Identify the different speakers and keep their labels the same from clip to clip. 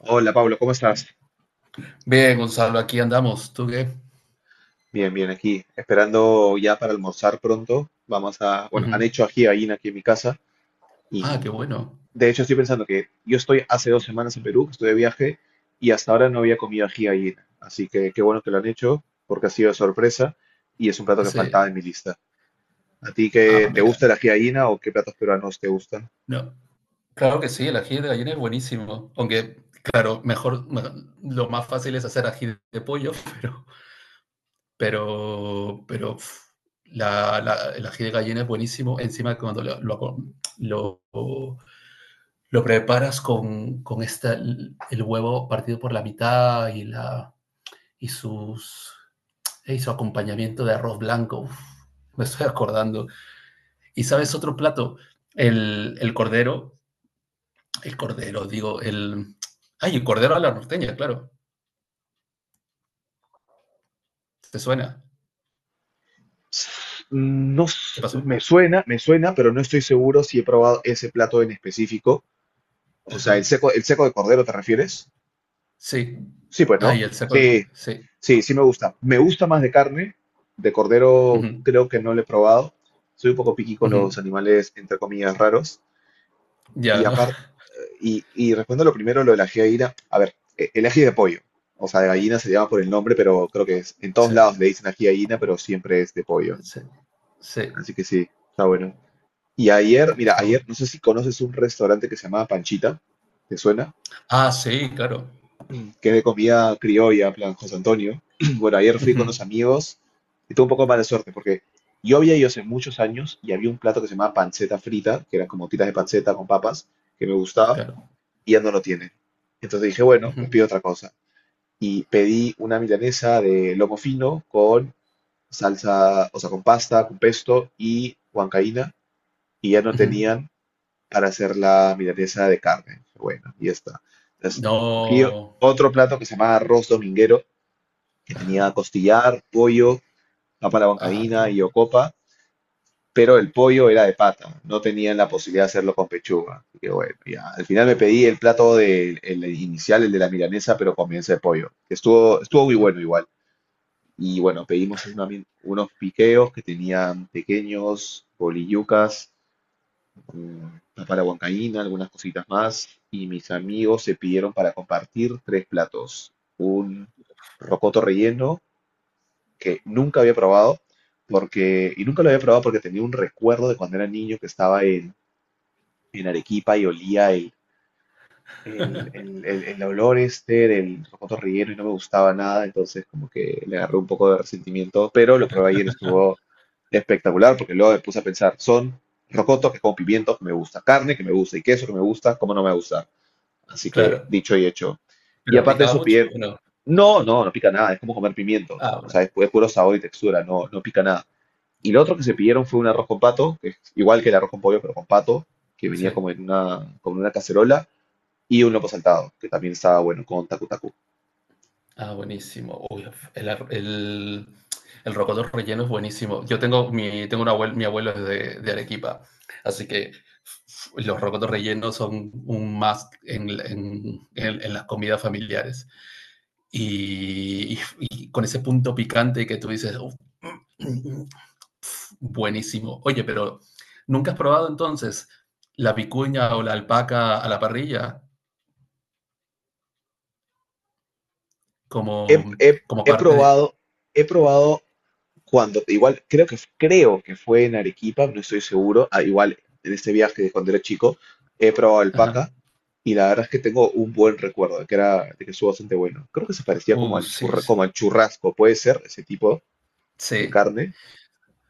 Speaker 1: Hola Pablo, ¿cómo estás?
Speaker 2: Bien, Gonzalo, aquí andamos. ¿Tú qué?
Speaker 1: Bien, aquí, esperando ya para almorzar pronto. Vamos a, bueno,
Speaker 2: Ujú.
Speaker 1: han hecho ají de gallina aquí en mi casa
Speaker 2: Ah, qué
Speaker 1: y
Speaker 2: bueno.
Speaker 1: de hecho estoy pensando que yo estoy hace dos semanas en Perú, que estoy de viaje y hasta ahora no había comido ají de gallina. Así que qué bueno que lo han hecho porque ha sido de sorpresa y es un plato que
Speaker 2: Ese.
Speaker 1: faltaba en mi lista. ¿A ti
Speaker 2: Ah,
Speaker 1: qué te
Speaker 2: mira.
Speaker 1: gusta el ají de gallina o qué platos peruanos te gustan?
Speaker 2: No. Claro que sí, el ají de gallina es buenísimo. Aunque, claro, mejor, lo más fácil es hacer ají de pollo, pero, pero uf, el ají de gallina es buenísimo. Encima cuando lo- lo preparas con esta, el huevo partido por la mitad y la y sus y su acompañamiento de arroz blanco. Uf, me estoy acordando. Y sabes, otro plato, el cordero, el cordero, digo, el... Ay, el cordero a la norteña, claro. ¿Te suena?
Speaker 1: No,
Speaker 2: ¿Qué
Speaker 1: s-
Speaker 2: pasó?
Speaker 1: me suena, me suena, pero no estoy seguro si he probado ese plato en específico. O sea,
Speaker 2: Ajá.
Speaker 1: el seco de cordero, ¿te refieres?
Speaker 2: Sí.
Speaker 1: Sí, pues no.
Speaker 2: Ay, el saco,
Speaker 1: Sí,
Speaker 2: sí.
Speaker 1: sí me gusta. Me gusta más de carne. De cordero
Speaker 2: Ujú,
Speaker 1: creo que no lo he probado. Soy un poco piqui con
Speaker 2: ujú.
Speaker 1: los animales, entre comillas, raros. Y
Speaker 2: Ya,
Speaker 1: aparte, y respondo lo primero, lo del ají de gallina. A ver, el ají de pollo. O sea, de gallina se llama por el nombre, pero creo que es, en todos
Speaker 2: sí,
Speaker 1: lados le dicen ají de gallina, pero siempre es de pollo.
Speaker 2: sí, sí,
Speaker 1: Así que sí, está bueno. Y ayer, mira,
Speaker 2: está
Speaker 1: ayer,
Speaker 2: bueno.
Speaker 1: no sé si conoces un restaurante que se llamaba Panchita. ¿Te suena?
Speaker 2: Ah, sí, claro.
Speaker 1: Mm, que es de comida criolla, en plan José Antonio. Bueno, ayer fui con
Speaker 2: Ujú,
Speaker 1: los amigos y tuve un poco de mala suerte porque yo había ido hace muchos años y había un plato que se llamaba panceta frita, que era como tiras de panceta con papas, que me gustaba
Speaker 2: claro.
Speaker 1: y ya no lo tienen. Entonces dije, bueno, pues
Speaker 2: Ujú,
Speaker 1: pido otra cosa. Y pedí una milanesa de lomo fino con salsa, o sea, con pasta, con pesto y huancaína y ya no
Speaker 2: ujú.
Speaker 1: tenían para hacer la milanesa de carne. Bueno, y ya está. Entonces, cogí
Speaker 2: No.
Speaker 1: otro plato que se llama arroz dominguero, que tenía
Speaker 2: Ajá.
Speaker 1: costillar, pollo, papa a la
Speaker 2: Ah, qué
Speaker 1: bancaína y
Speaker 2: bueno.
Speaker 1: ocopa, pero el pollo era de pata, no tenían la posibilidad de hacerlo con pechuga. Así que bueno, ya. Al final me pedí el plato de, el inicial, el de la milanesa, pero con milanesa de pollo, que estuvo muy bueno igual. Y bueno, pedimos es unos piqueos que tenían pequeños, bolillucas, mm, papa a la huancaína, algunas cositas más, y mis amigos se pidieron para compartir tres platos. Un rocoto relleno que nunca había probado, porque, y nunca lo había probado porque tenía un recuerdo de cuando era niño que estaba en Arequipa y olía el olor este del cotorrillero y no me gustaba nada, entonces como que le agarré un poco de resentimiento, pero lo probé ayer, estuvo espectacular, porque luego me puse a pensar, son rocotos que con pimientos que me gusta, carne que me gusta y queso que me gusta, ¿cómo no me gusta? Así que
Speaker 2: Claro.
Speaker 1: dicho y hecho. Y
Speaker 2: ¿Pero
Speaker 1: aparte de
Speaker 2: picaba
Speaker 1: eso,
Speaker 2: mucho
Speaker 1: pide,
Speaker 2: o no?
Speaker 1: no, no, no pica nada, es como comer pimientos,
Speaker 2: Ah,
Speaker 1: o sea,
Speaker 2: bueno.
Speaker 1: es, es puro sabor y textura, no, no pica nada. Y lo otro que se pidieron fue un arroz con pato, que es igual que el arroz con pollo, pero con pato, que
Speaker 2: Sí.
Speaker 1: venía como en una cacerola y un loco saltado, que también estaba bueno con Taku Taku.
Speaker 2: Ah, buenísimo. Uy, el, ar- el, el rocoto relleno es buenísimo. Yo tengo mi, tengo un abuelo, mi abuelo es de Arequipa, así que los rocotos rellenos son un más en, en las comidas familiares. Y con ese punto picante que tú dices, "Uf, buenísimo. Oye, pero ¿nunca has probado entonces la vicuña o la alpaca a la parrilla
Speaker 1: He,
Speaker 2: como,
Speaker 1: he-
Speaker 2: como
Speaker 1: he
Speaker 2: parte de...
Speaker 1: probado, he probado cuando, igual creo que fue en Arequipa, no estoy seguro, ah, igual en este viaje de cuando era chico, he probado
Speaker 2: Ajá.
Speaker 1: alpaca y la verdad es que tengo un buen recuerdo de que era, de que estuvo bastante bueno. Creo que se parecía como al
Speaker 2: Sí, sí.
Speaker 1: como al churrasco, puede ser ese tipo de
Speaker 2: Sí.
Speaker 1: carne.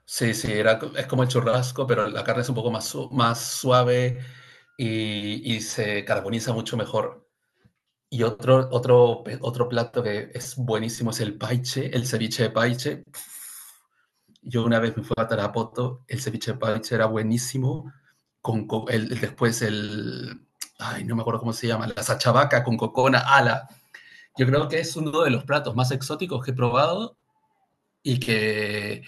Speaker 2: Sí, sí, era, es como el churrasco, pero la carne es un poco más, más suave y se carboniza mucho mejor. Y otro plato que es buenísimo es el paiche, el ceviche de paiche. Yo una vez me fui a Tarapoto, el ceviche de paiche era buenísimo, con después el, ay, no me acuerdo cómo se llama, la sachabaca con cocona, ala. Yo creo que es uno de los platos más exóticos que he probado y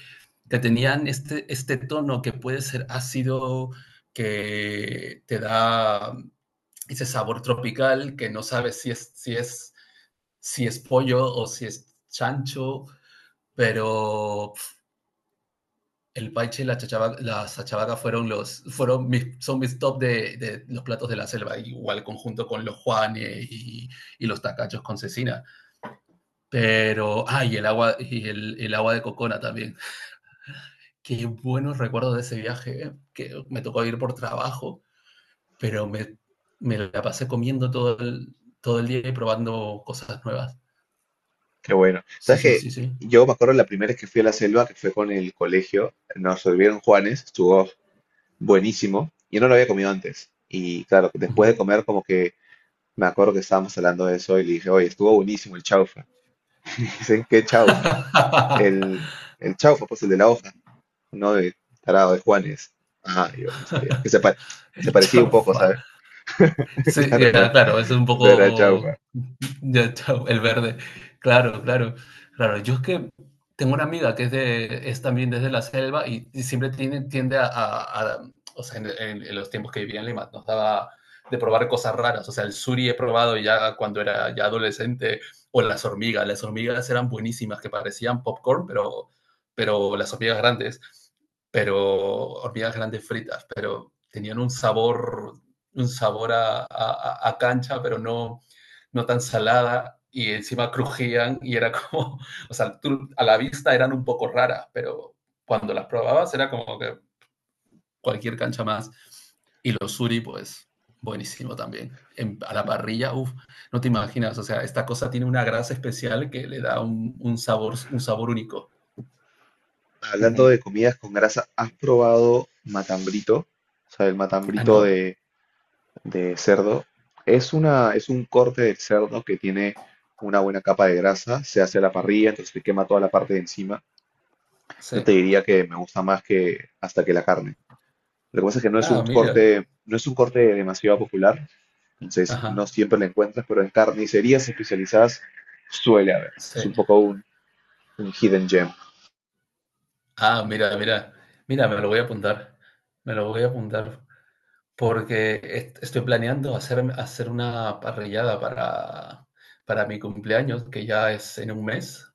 Speaker 2: que tenían este, este tono que puede ser ácido, que te da ese sabor tropical, que no sabes si es, si es, si es pollo o si es chancho, pero el paiche y la, la sachabaca fueron los, fueron mis, son mis top de los platos de la selva, igual conjunto con los juanes y los tacachos con cecina. Pero, ah, y el agua de cocona también. Qué buenos recuerdos de ese viaje, ¿eh? Que me tocó ir por trabajo, pero me la pasé comiendo todo el día y probando cosas nuevas.
Speaker 1: Qué bueno.
Speaker 2: Sí,
Speaker 1: ¿Sabes
Speaker 2: sí,
Speaker 1: que
Speaker 2: sí, sí.
Speaker 1: yo me acuerdo la primera vez que fui a la selva, que fue con el colegio, nos volvieron Juanes, estuvo buenísimo? Yo no lo había comido antes. Y claro, después de
Speaker 2: Ujú.
Speaker 1: comer, como que me acuerdo que estábamos hablando de eso y le dije, oye, estuvo buenísimo el chaufa. Dicen, ¿qué chaufa? El, el chaufa, pues el de la hoja, no de tarado de Juanes. Ah, yo no sabía. Que se, se
Speaker 2: El
Speaker 1: parecía un poco,
Speaker 2: chafa.
Speaker 1: ¿sabes?
Speaker 2: Sí,
Speaker 1: Claro, no,
Speaker 2: ya, claro, eso es un
Speaker 1: no era chaufa.
Speaker 2: poco. Ya, chao, el verde. Claro, claro, claro. Yo es que tengo una amiga que es, de, es también desde la selva y siempre tiene, tiende a, o sea, en, en los tiempos que vivía en Lima, nos daba de probar cosas raras. O sea, el suri he probado ya cuando era ya adolescente, o las hormigas. Las hormigas eran buenísimas, que parecían popcorn, pero las hormigas grandes, pero hormigas grandes fritas, pero tenían un sabor a cancha, pero no, no tan salada y encima crujían y era como, o sea, tú, a la vista eran un poco raras, pero cuando las probabas era como que cualquier cancha más. Y los suri, pues, buenísimo también. En, a la parrilla, uff, no te imaginas, o sea, esta cosa tiene una grasa especial que le da un sabor único. Uh
Speaker 1: Hablando
Speaker 2: -huh.
Speaker 1: de comidas con grasa, ¿has probado matambrito? O sea, el
Speaker 2: Ah,
Speaker 1: matambrito
Speaker 2: no,
Speaker 1: de cerdo. Es una, es un corte del cerdo que tiene una buena capa de grasa, se hace a la parrilla, entonces te quema toda la parte de encima. Yo
Speaker 2: sí.
Speaker 1: te diría que me gusta más que hasta que la carne. Lo que pasa es que no es
Speaker 2: Ah,
Speaker 1: un
Speaker 2: mira,
Speaker 1: corte, no es un corte demasiado popular, entonces no
Speaker 2: ajá,
Speaker 1: siempre lo encuentras, pero en carnicerías especializadas suele haber.
Speaker 2: sí.
Speaker 1: Es un poco un hidden gem.
Speaker 2: Ah, mira, mira, mira, me lo voy a apuntar, me lo voy a apuntar, porque estoy planeando hacer, hacer una parrillada para mi cumpleaños, que ya es en un mes,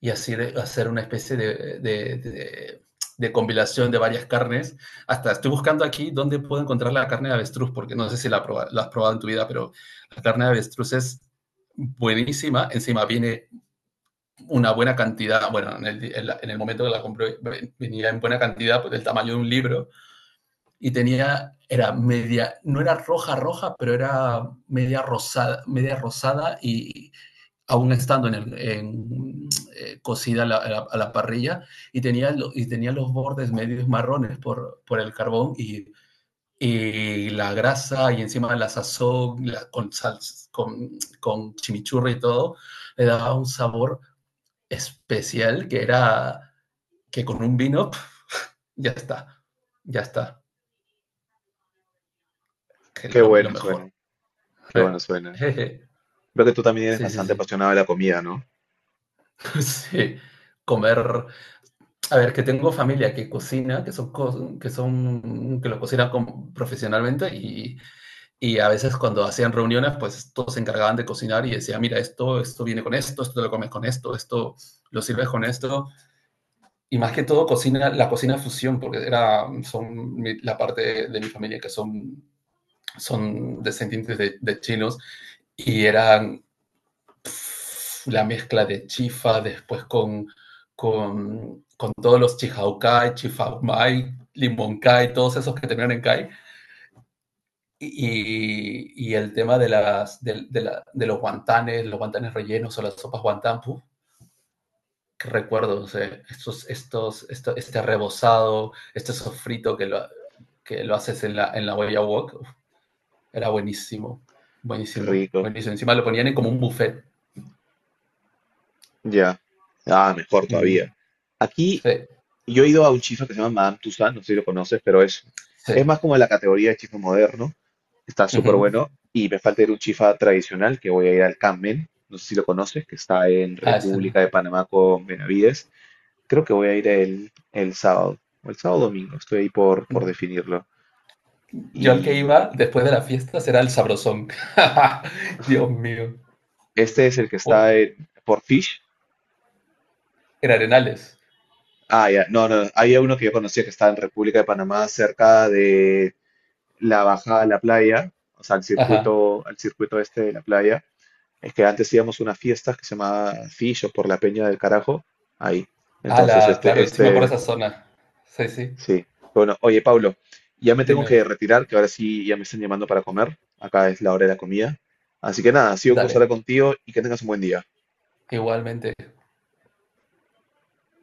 Speaker 2: y así hacer una especie de, de compilación de varias carnes. Hasta estoy buscando aquí dónde puedo encontrar la carne de avestruz, porque no sé si la, la has probado en tu vida, pero la carne de avestruz es buenísima, encima viene una buena cantidad, bueno, en el, en el momento que la compré venía en buena cantidad, pues del tamaño de un libro, y tenía, era media, no era roja roja, pero era media rosada y aún estando en en, cocida a la, parrilla, y tenía, y tenía los bordes medios marrones por el carbón y la grasa y encima la sazón con, sal, con, con chimichurri y todo, le daba un sabor especial que era que con un vino pf, ya está, ya está, que es
Speaker 1: Qué
Speaker 2: lo
Speaker 1: bueno
Speaker 2: mejor.
Speaker 1: suena, qué
Speaker 2: Eh,
Speaker 1: bueno suena.
Speaker 2: jeje.
Speaker 1: Veo que tú también eres
Speaker 2: Sí, sí,
Speaker 1: bastante
Speaker 2: sí.
Speaker 1: apasionado de la comida, ¿no?
Speaker 2: Sí. Comer. A ver, que tengo familia que cocina, que son, que son, que lo cocina profesionalmente y a veces cuando hacían reuniones, pues todos se encargaban de cocinar y decía mira, esto viene con esto, esto te lo comes con esto, esto lo sirves con esto. Y más que todo, cocina, la cocina fusión, porque era, son la parte de mi familia que son descendientes de chinos y eran pff, la mezcla de chifa después con todos los chihaukai, chifaumai, limonkai, todos esos que terminan en kai. Y, el tema de, las, de, la, de, los guantanes rellenos o las sopas guantán, puf, que recuerdo, o estos, estos, esto, este rebozado, este sofrito que lo haces en la Huella wok. Era buenísimo,
Speaker 1: Qué
Speaker 2: buenísimo,
Speaker 1: rico.
Speaker 2: buenísimo. Encima lo ponían en como un buffet.
Speaker 1: Ya. Ah, mejor
Speaker 2: Mm,
Speaker 1: todavía. Aquí
Speaker 2: sí,
Speaker 1: yo he ido a un chifa que se llama Madame Tussauds, no sé si lo conoces, pero
Speaker 2: sí.
Speaker 1: es más como de la categoría de chifa moderno. Está súper
Speaker 2: Ujú.
Speaker 1: bueno. Y me falta ir a un chifa tradicional, que voy a ir al Carmen. No sé si lo conoces, que está en
Speaker 2: Ah, ese no.
Speaker 1: República de Panamá con Benavides. Creo que voy a ir el sábado, o el sábado domingo, estoy ahí por definirlo.
Speaker 2: Yo al que
Speaker 1: Y
Speaker 2: iba después de las fiestas era el sabrosón. Dios mío.
Speaker 1: este es el que
Speaker 2: Oh,
Speaker 1: está en, por Fish.
Speaker 2: era Arenales.
Speaker 1: Ah, ya, no, no, había uno que yo conocía que estaba en República de Panamá, cerca de la bajada a la playa, o sea,
Speaker 2: Ajá.
Speaker 1: al circuito este de la playa, es que antes íbamos a unas fiestas que se llamaba Fillo por la Peña del Carajo, ahí. Entonces,
Speaker 2: Ala, claro, y sí me acuerdo esa zona. Sí, sí.
Speaker 1: sí. Bueno, oye, Pablo, ya me tengo que
Speaker 2: Dime.
Speaker 1: retirar, que ahora sí ya me están llamando para comer. Acá es la hora de la comida. Así que nada, ha sido un gusto
Speaker 2: Dale.
Speaker 1: hablar contigo y que tengas un buen día.
Speaker 2: Igualmente.